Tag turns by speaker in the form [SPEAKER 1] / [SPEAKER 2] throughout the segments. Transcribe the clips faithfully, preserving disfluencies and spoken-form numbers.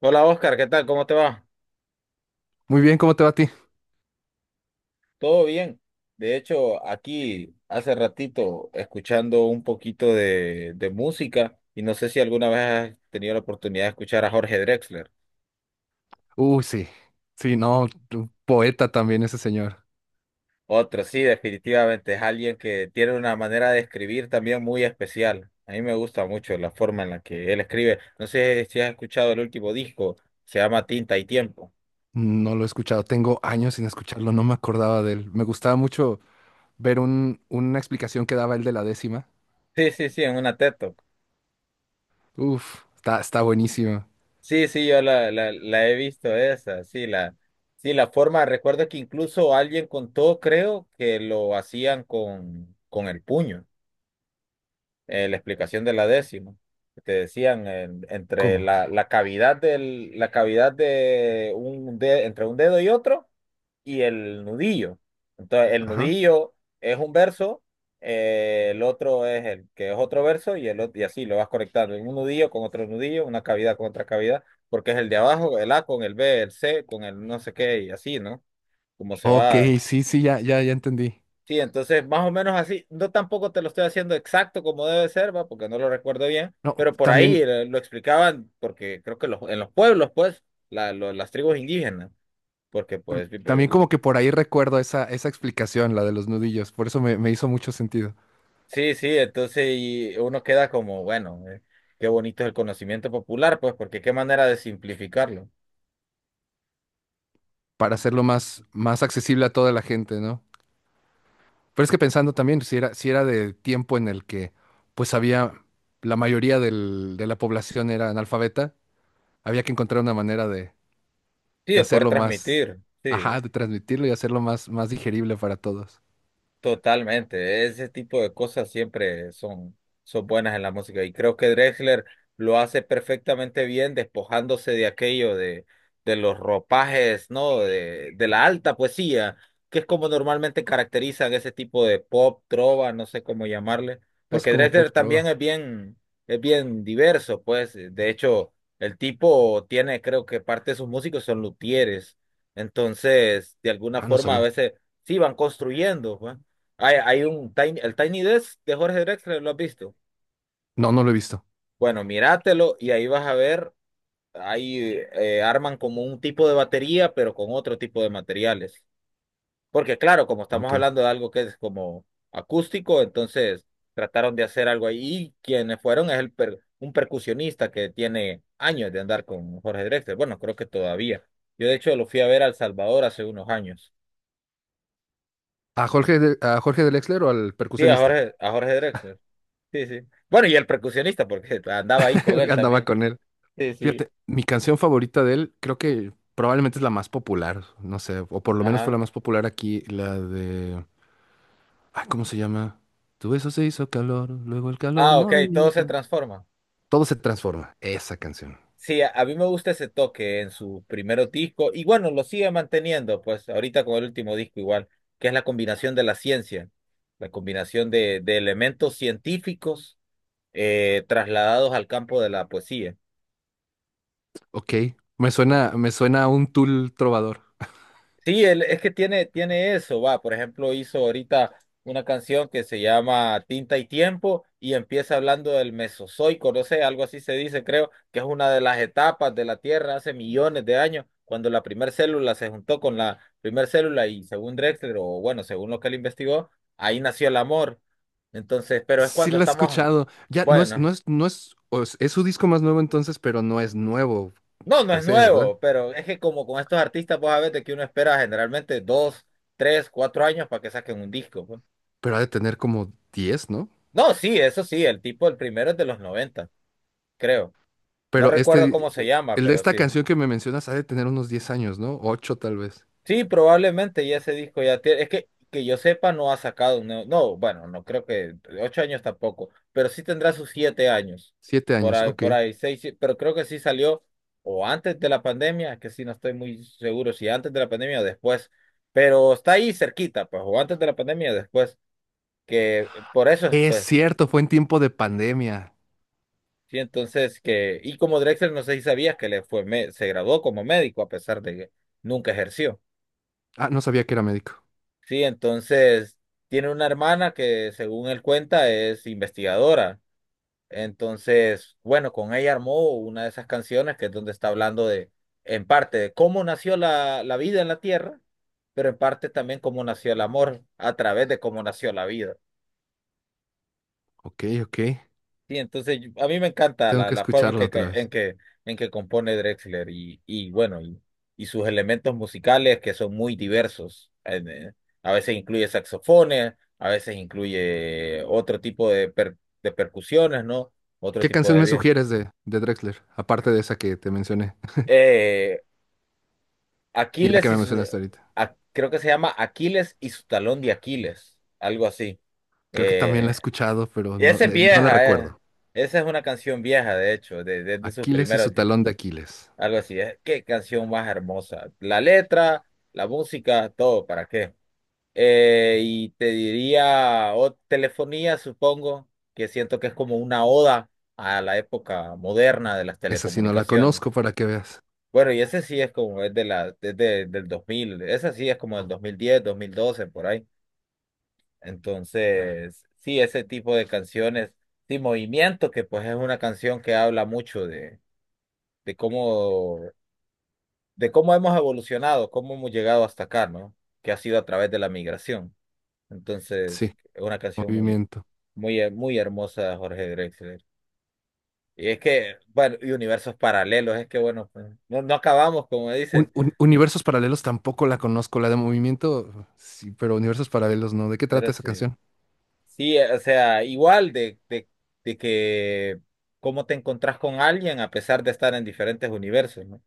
[SPEAKER 1] Hola Oscar, ¿qué tal? ¿Cómo te va?
[SPEAKER 2] Muy bien, ¿cómo te va a ti?
[SPEAKER 1] ¿Todo bien? De hecho, aquí hace ratito escuchando un poquito de, de música y no sé si alguna vez has tenido la oportunidad de escuchar a Jorge Drexler.
[SPEAKER 2] Uy, sí. Sí, no, un poeta también ese señor.
[SPEAKER 1] Otro, sí, definitivamente es alguien que tiene una manera de escribir también muy especial. A mí me gusta mucho la forma en la que él escribe. No sé si has escuchado el último disco, se llama Tinta y Tiempo.
[SPEAKER 2] No lo he escuchado. Tengo años sin escucharlo, no me acordaba de él. Me gustaba mucho ver un, una explicación que daba él de la décima.
[SPEAKER 1] Sí, sí, sí, en una teto.
[SPEAKER 2] Uf, está, está buenísimo.
[SPEAKER 1] Sí, sí, yo la, la, la he visto esa, sí, la, sí, la forma, recuerdo que incluso alguien contó, creo, que lo hacían con, con el puño, eh, la explicación de la décima. Te decían en- entre
[SPEAKER 2] ¿Cómo?
[SPEAKER 1] la, la cavidad del, la cavidad de un de- entre un dedo y otro y el nudillo. Entonces, el
[SPEAKER 2] Ajá.
[SPEAKER 1] nudillo es un verso, eh, el otro es el que es otro verso y el otro, y así lo vas conectando. Un nudillo con otro nudillo, una cavidad con otra cavidad, porque es el de abajo, el A con el B, el C con el no sé qué y así, ¿no? Como se
[SPEAKER 2] Ok,
[SPEAKER 1] va.
[SPEAKER 2] sí, sí, ya, ya, ya entendí.
[SPEAKER 1] Sí, entonces más o menos así, no tampoco te lo estoy haciendo exacto como debe ser, va, porque no lo recuerdo bien,
[SPEAKER 2] No,
[SPEAKER 1] pero por ahí
[SPEAKER 2] también,
[SPEAKER 1] eh, lo explicaban, porque creo que los, en los pueblos, pues, la- lo- las tribus indígenas, porque
[SPEAKER 2] tam-
[SPEAKER 1] pues, vi- vi-
[SPEAKER 2] también
[SPEAKER 1] la-
[SPEAKER 2] como que por ahí recuerdo esa, esa explicación, la de los nudillos. Por eso me, me hizo mucho sentido.
[SPEAKER 1] sí, sí, entonces y uno queda como, bueno, eh, qué bonito es el conocimiento popular, pues, porque qué manera de simplificarlo,
[SPEAKER 2] Para hacerlo más, más accesible a toda la gente, ¿no? Pero es que pensando también, si era, si era de tiempo en el que pues había, la mayoría del- de la población era analfabeta, había que encontrar una manera de,
[SPEAKER 1] sí,
[SPEAKER 2] de
[SPEAKER 1] de poder
[SPEAKER 2] hacerlo más,
[SPEAKER 1] transmitir, sí.
[SPEAKER 2] ajá, de transmitirlo y hacerlo más, más digerible para todos.
[SPEAKER 1] Totalmente, ese tipo de cosas siempre son, son buenas en la música y creo que Drexler lo hace perfectamente bien despojándose de aquello de, de los ropajes, ¿no? De, de la alta poesía, que es como normalmente caracterizan ese tipo de pop, trova, no sé cómo llamarle,
[SPEAKER 2] Es
[SPEAKER 1] porque
[SPEAKER 2] como
[SPEAKER 1] Drexler
[SPEAKER 2] Pop Trova.
[SPEAKER 1] también es bien, es bien diverso, pues de hecho el tipo tiene, creo que parte de sus músicos son luthieres, entonces de alguna
[SPEAKER 2] Ah, no
[SPEAKER 1] forma a
[SPEAKER 2] sabía.
[SPEAKER 1] veces sí van construyendo, pues. Hay, hay un Tiny, el Tiny Desk de Jorge Drexler, ¿lo has visto?
[SPEAKER 2] No, no lo he visto.
[SPEAKER 1] Bueno, míratelo y ahí vas a ver, ahí eh, arman como un tipo de batería, pero con otro tipo de materiales. Porque claro, como estamos
[SPEAKER 2] Ok.
[SPEAKER 1] hablando de algo que es como acústico, entonces trataron de hacer algo ahí. Y quienes fueron es el per- un percusionista que tiene años de andar con Jorge Drexler. Bueno, creo que todavía. Yo de hecho lo fui a ver a El Salvador hace unos años.
[SPEAKER 2] ¿A Jorge, de- a Jorge del Exler o al
[SPEAKER 1] Sí, a
[SPEAKER 2] percusionista?
[SPEAKER 1] Jorge, a Jorge Drexler. Sí, sí. Bueno, y el percusionista, porque andaba ahí con él
[SPEAKER 2] Andaba
[SPEAKER 1] también.
[SPEAKER 2] con él.
[SPEAKER 1] Sí, sí.
[SPEAKER 2] Fíjate, mi canción favorita de él creo que probablemente es la más popular, no sé, o por lo menos fue la
[SPEAKER 1] Ajá.
[SPEAKER 2] más popular aquí, la de... Ay, ¿cómo se llama? Tu beso se hizo calor, luego el calor,
[SPEAKER 1] Ah, ok, todo se
[SPEAKER 2] movimiento.
[SPEAKER 1] transforma.
[SPEAKER 2] Todo se transforma. Esa canción.
[SPEAKER 1] Sí, a, a mí me gusta ese toque en su primer disco y bueno, lo sigue manteniendo, pues ahorita con el último disco igual, que es la combinación de la ciencia, la combinación de, de elementos científicos, eh, trasladados al campo de la poesía.
[SPEAKER 2] Ok. Me suena, me suena a un Tool trovador.
[SPEAKER 1] Sí, él, es que tiene, tiene eso, va, por ejemplo, hizo ahorita una canción que se llama Tinta y Tiempo y empieza hablando del Mesozoico, no sé, algo así se dice, creo, que es una de las etapas de la Tierra hace millones de años, cuando la primera célula se juntó con la primera célula y según Drexler, o bueno, según lo que él investigó, ahí nació el amor. Entonces, pero es
[SPEAKER 2] Sí
[SPEAKER 1] cuando
[SPEAKER 2] la he
[SPEAKER 1] estamos,
[SPEAKER 2] escuchado. Ya, no es, no
[SPEAKER 1] bueno,
[SPEAKER 2] es, no es, o es, es su disco más nuevo entonces, pero no es nuevo
[SPEAKER 1] no, no
[SPEAKER 2] per
[SPEAKER 1] es
[SPEAKER 2] se, ¿verdad?
[SPEAKER 1] nuevo, pero es que como con estos artistas, vos sabés de que uno espera generalmente dos, tres, cuatro años para que saquen un disco, pues.
[SPEAKER 2] Pero ha de tener como diez, ¿no?
[SPEAKER 1] No, sí, eso sí, el tipo, el primero es de los noventa, creo. No
[SPEAKER 2] Pero
[SPEAKER 1] recuerdo
[SPEAKER 2] este,
[SPEAKER 1] cómo se
[SPEAKER 2] eh,
[SPEAKER 1] llama,
[SPEAKER 2] el de
[SPEAKER 1] pero
[SPEAKER 2] esta
[SPEAKER 1] sí.
[SPEAKER 2] canción que me mencionas ha de tener unos diez años, ¿no? Ocho tal vez.
[SPEAKER 1] Sí, probablemente ya ese disco ya tiene. Es que, que yo sepa, no ha sacado un nuevo. No, bueno, no creo que. Ocho años tampoco, pero sí tendrá sus siete años.
[SPEAKER 2] siete
[SPEAKER 1] Por
[SPEAKER 2] años,
[SPEAKER 1] ahí,
[SPEAKER 2] ok.
[SPEAKER 1] por ahí, seis, sí, pero creo que sí salió o antes de la pandemia, que sí, no estoy muy seguro si antes de la pandemia o después. Pero está ahí cerquita, pues, o antes de la pandemia o después. Que por eso,
[SPEAKER 2] Es
[SPEAKER 1] pues.
[SPEAKER 2] cierto, fue en tiempo de pandemia.
[SPEAKER 1] Sí, entonces que, y como Drexler, no sé si sabías que le fue, me- se graduó como médico a pesar de que nunca ejerció.
[SPEAKER 2] Ah, no sabía que era médico.
[SPEAKER 1] Sí, entonces tiene una hermana que según él cuenta es investigadora. Entonces, bueno, con ella armó una de esas canciones que es donde está hablando de, en parte, de cómo nació la, la vida en la Tierra, pero en parte también cómo nació el amor a través de cómo nació la vida.
[SPEAKER 2] Ok, ok.
[SPEAKER 1] Sí, entonces yo- a mí me encanta
[SPEAKER 2] Tengo
[SPEAKER 1] la,
[SPEAKER 2] que
[SPEAKER 1] la forma en
[SPEAKER 2] escucharla
[SPEAKER 1] que, que-
[SPEAKER 2] otra
[SPEAKER 1] en
[SPEAKER 2] vez.
[SPEAKER 1] que, en que compone Drexler y, y bueno, y, y sus elementos musicales que son muy diversos. En, eh, a veces incluye saxofones, a veces incluye otro tipo de, per- de percusiones, ¿no? Otro
[SPEAKER 2] ¿Qué
[SPEAKER 1] tipo
[SPEAKER 2] canción
[SPEAKER 1] de
[SPEAKER 2] me
[SPEAKER 1] bien.
[SPEAKER 2] sugieres de, de Drexler? Aparte de esa que te mencioné
[SPEAKER 1] Eh,
[SPEAKER 2] y la que
[SPEAKER 1] Aquiles y
[SPEAKER 2] me
[SPEAKER 1] su,
[SPEAKER 2] mencionaste ahorita.
[SPEAKER 1] a- creo que se llama Aquiles y su talón de Aquiles, algo así.
[SPEAKER 2] Creo que también la he
[SPEAKER 1] Eh,
[SPEAKER 2] escuchado, pero
[SPEAKER 1] y
[SPEAKER 2] no,
[SPEAKER 1] esa es
[SPEAKER 2] ne- no la
[SPEAKER 1] vieja, eh.
[SPEAKER 2] recuerdo.
[SPEAKER 1] Esa es una canción vieja, de hecho, de, de de sus
[SPEAKER 2] Aquiles y
[SPEAKER 1] primeros.
[SPEAKER 2] su talón de Aquiles.
[SPEAKER 1] Algo así es. Qué canción más hermosa. La letra, la música, todo, ¿para qué? Eh, y te diría, o telefonía, supongo, que siento que es como una oda a la época moderna de las
[SPEAKER 2] Esa sí no la
[SPEAKER 1] telecomunicaciones.
[SPEAKER 2] conozco para que veas.
[SPEAKER 1] Bueno, y ese sí es como es de la, es de- del dos mil, ese sí es como del dos dos mil diez, dos mil doce, por ahí. Entonces, sí, ese tipo de canciones, sí, Movimiento, que pues es una canción que habla mucho de, de cómo de cómo hemos evolucionado, cómo hemos llegado hasta acá, ¿no? Que ha sido a través de la migración.
[SPEAKER 2] Sí,
[SPEAKER 1] Entonces, es una canción muy,
[SPEAKER 2] movimiento.
[SPEAKER 1] muy, muy hermosa de Jorge Drexler. Y es que, bueno, y universos paralelos, es que, bueno, pues, no, no acabamos, como
[SPEAKER 2] Un-
[SPEAKER 1] dicen,
[SPEAKER 2] un- universos paralelos tampoco la conozco. La de movimiento, sí, pero universos paralelos no. ¿De qué
[SPEAKER 1] pero
[SPEAKER 2] trata esa
[SPEAKER 1] sí.
[SPEAKER 2] canción?
[SPEAKER 1] Sí, eh, o sea, igual de, de, de que cómo te encontrás con alguien a pesar de estar en diferentes universos, ¿no?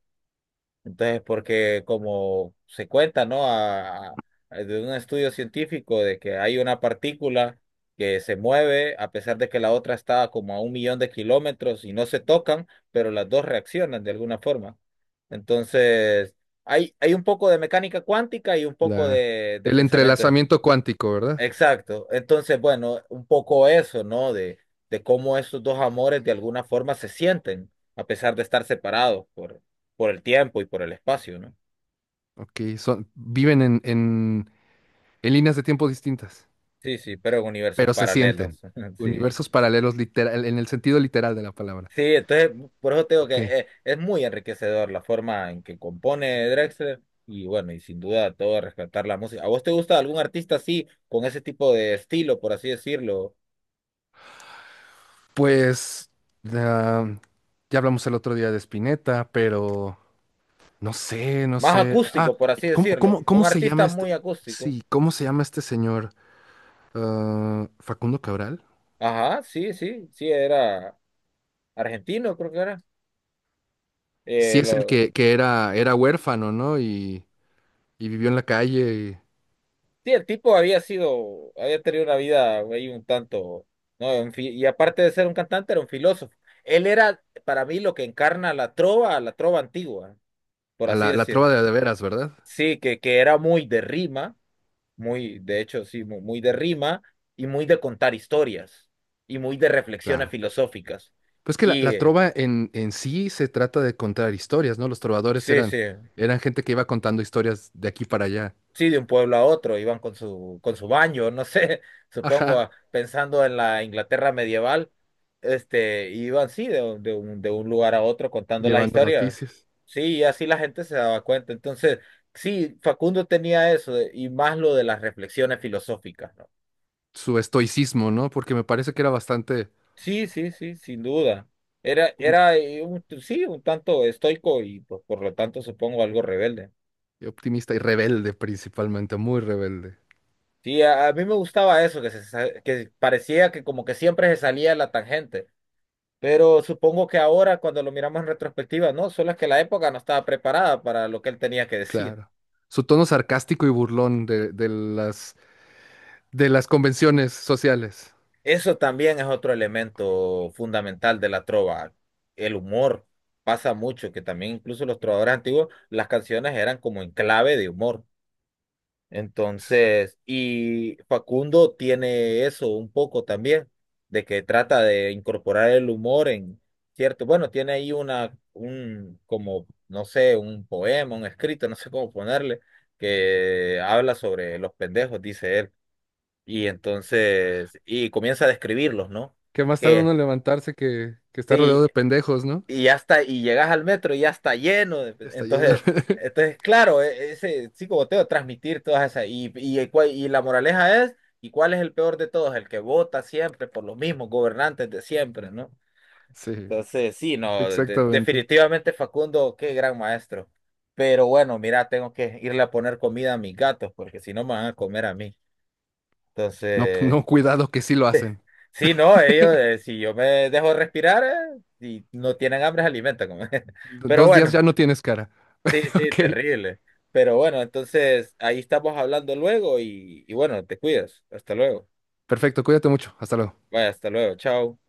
[SPEAKER 1] Entonces, porque como se cuenta, ¿no? A- a- de un estudio científico de que hay una partícula que se mueve a pesar de que la otra está como a un millón de kilómetros y no se tocan, pero las dos reaccionan de alguna forma. Entonces, hay, hay un poco de mecánica cuántica y un poco
[SPEAKER 2] La,
[SPEAKER 1] de, de
[SPEAKER 2] el
[SPEAKER 1] pensamiento.
[SPEAKER 2] entrelazamiento cuántico, ¿verdad?
[SPEAKER 1] Exacto. Entonces, bueno, un poco eso, ¿no? De, de cómo esos dos amores de alguna forma se sienten, a pesar de estar separados por, por, el tiempo y por el espacio, ¿no?
[SPEAKER 2] Ok, son, viven en, en, en líneas de tiempo distintas,
[SPEAKER 1] Sí, sí, pero en universos
[SPEAKER 2] pero se
[SPEAKER 1] paralelos.
[SPEAKER 2] sienten.
[SPEAKER 1] Sí.
[SPEAKER 2] Universos paralelos literal, en el sentido literal de la palabra.
[SPEAKER 1] Sí, entonces, por eso te digo que
[SPEAKER 2] Ok.
[SPEAKER 1] eh, es, muy enriquecedor la forma en que compone Drexler y bueno, y sin duda todo rescatar la música. ¿A vos te gusta algún artista así, con ese tipo de estilo, por así decirlo?
[SPEAKER 2] Pues ah, ya hablamos el otro día de Spinetta, pero no sé, no
[SPEAKER 1] Más
[SPEAKER 2] sé. Ah,
[SPEAKER 1] acústico, por así
[SPEAKER 2] ¿cómo,
[SPEAKER 1] decirlo.
[SPEAKER 2] cómo, ¿cómo
[SPEAKER 1] Un
[SPEAKER 2] se llama
[SPEAKER 1] artista
[SPEAKER 2] este?
[SPEAKER 1] muy acústico.
[SPEAKER 2] Sí, ¿cómo se llama este señor? Ah, Facundo Cabral.
[SPEAKER 1] Ajá, sí, sí, sí, era argentino, creo que era.
[SPEAKER 2] Sí,
[SPEAKER 1] Eh,
[SPEAKER 2] es el
[SPEAKER 1] lo...
[SPEAKER 2] que, que era, era huérfano, ¿no? Y, y vivió en la calle. Y
[SPEAKER 1] Sí, el tipo había sido, había tenido una vida ahí un tanto, ¿no? Un fi- Y aparte de ser un cantante, era un filósofo. Él era, para mí, lo que encarna la trova, la trova antigua, por
[SPEAKER 2] a
[SPEAKER 1] así
[SPEAKER 2] la, la
[SPEAKER 1] decir.
[SPEAKER 2] trova de, de veras, ¿verdad?
[SPEAKER 1] Sí, que, que era muy de rima, muy, de hecho, sí, mu- muy de rima y muy de contar historias y muy de reflexiones
[SPEAKER 2] Claro.
[SPEAKER 1] filosóficas.
[SPEAKER 2] Pues que la,
[SPEAKER 1] Y
[SPEAKER 2] la
[SPEAKER 1] eh,
[SPEAKER 2] trova en, en sí se trata de contar historias, ¿no? Los trovadores
[SPEAKER 1] sí, sí.
[SPEAKER 2] eran, eran gente que iba contando historias de aquí para allá.
[SPEAKER 1] Sí, de un pueblo a otro, iban con su, con su baño, no sé, supongo,
[SPEAKER 2] Ajá,
[SPEAKER 1] ah, pensando en la Inglaterra medieval, este, iban, sí, de, de un, de un lugar a otro contando las
[SPEAKER 2] llevando
[SPEAKER 1] historias.
[SPEAKER 2] noticias.
[SPEAKER 1] Sí, y así la gente se daba cuenta. Entonces, sí, Facundo tenía eso, de- y más lo de las reflexiones filosóficas, ¿no?
[SPEAKER 2] Su estoicismo, ¿no? Porque me parece que era bastante
[SPEAKER 1] Sí, sí, sí, sin duda. Era, era eh, un, sí, un tanto estoico y pues, por lo tanto supongo algo rebelde.
[SPEAKER 2] optimista y rebelde principalmente, muy rebelde.
[SPEAKER 1] Sí, a, a mí me gustaba eso, que, se, sa- que parecía que como que siempre se salía de la tangente. Pero supongo que ahora, cuando lo miramos en retrospectiva, no, solo es que la época no estaba preparada para lo que él tenía que decir.
[SPEAKER 2] Claro. Su tono sarcástico y burlón de, de las, de las convenciones sociales.
[SPEAKER 1] Eso también es otro elemento fundamental de la trova, el humor. Pasa mucho, que también incluso los trovadores antiguos, las canciones eran como en clave de humor. Entonces, y Facundo tiene eso un poco también, de que trata de incorporar el humor en, cierto, bueno, tiene ahí una, un, como, no sé, un poema, un escrito, no sé cómo ponerle, que habla sobre los pendejos, dice él, y entonces, y comienza a describirlos, ¿no?
[SPEAKER 2] Que más tarde uno
[SPEAKER 1] Que
[SPEAKER 2] en levantarse que, que está rodeado
[SPEAKER 1] sí,
[SPEAKER 2] de pendejos, ¿no?
[SPEAKER 1] y ya está, y llegas al metro y ya está lleno. de-
[SPEAKER 2] Está lleno.
[SPEAKER 1] Entonces, entonces claro, e- ese psicoboteo, transmitir todas esas. Y, y, el cua- y la moraleja es, ¿y cuál es el peor de todos? El que vota siempre por los mismos gobernantes de siempre, ¿no?
[SPEAKER 2] Sí,
[SPEAKER 1] Entonces, sí, no, de-
[SPEAKER 2] exactamente.
[SPEAKER 1] definitivamente Facundo, qué gran maestro. Pero bueno, mira, tengo que irle a poner comida a mis gatos, porque si no me van a comer a mí.
[SPEAKER 2] No,
[SPEAKER 1] Entonces,
[SPEAKER 2] no, cuidado que sí lo hacen.
[SPEAKER 1] sí, no, ellos, eh, si yo me dejo respirar, eh, y no tienen hambre, se alimentan. Pero
[SPEAKER 2] Dos días
[SPEAKER 1] bueno.
[SPEAKER 2] ya no tienes cara.
[SPEAKER 1] Sí, sí,
[SPEAKER 2] Ok,
[SPEAKER 1] terrible. Pero bueno, entonces ahí estamos hablando luego y, y bueno, te cuidas. Hasta luego.
[SPEAKER 2] perfecto, cuídate mucho. Hasta luego.
[SPEAKER 1] Vaya, hasta luego. Chao.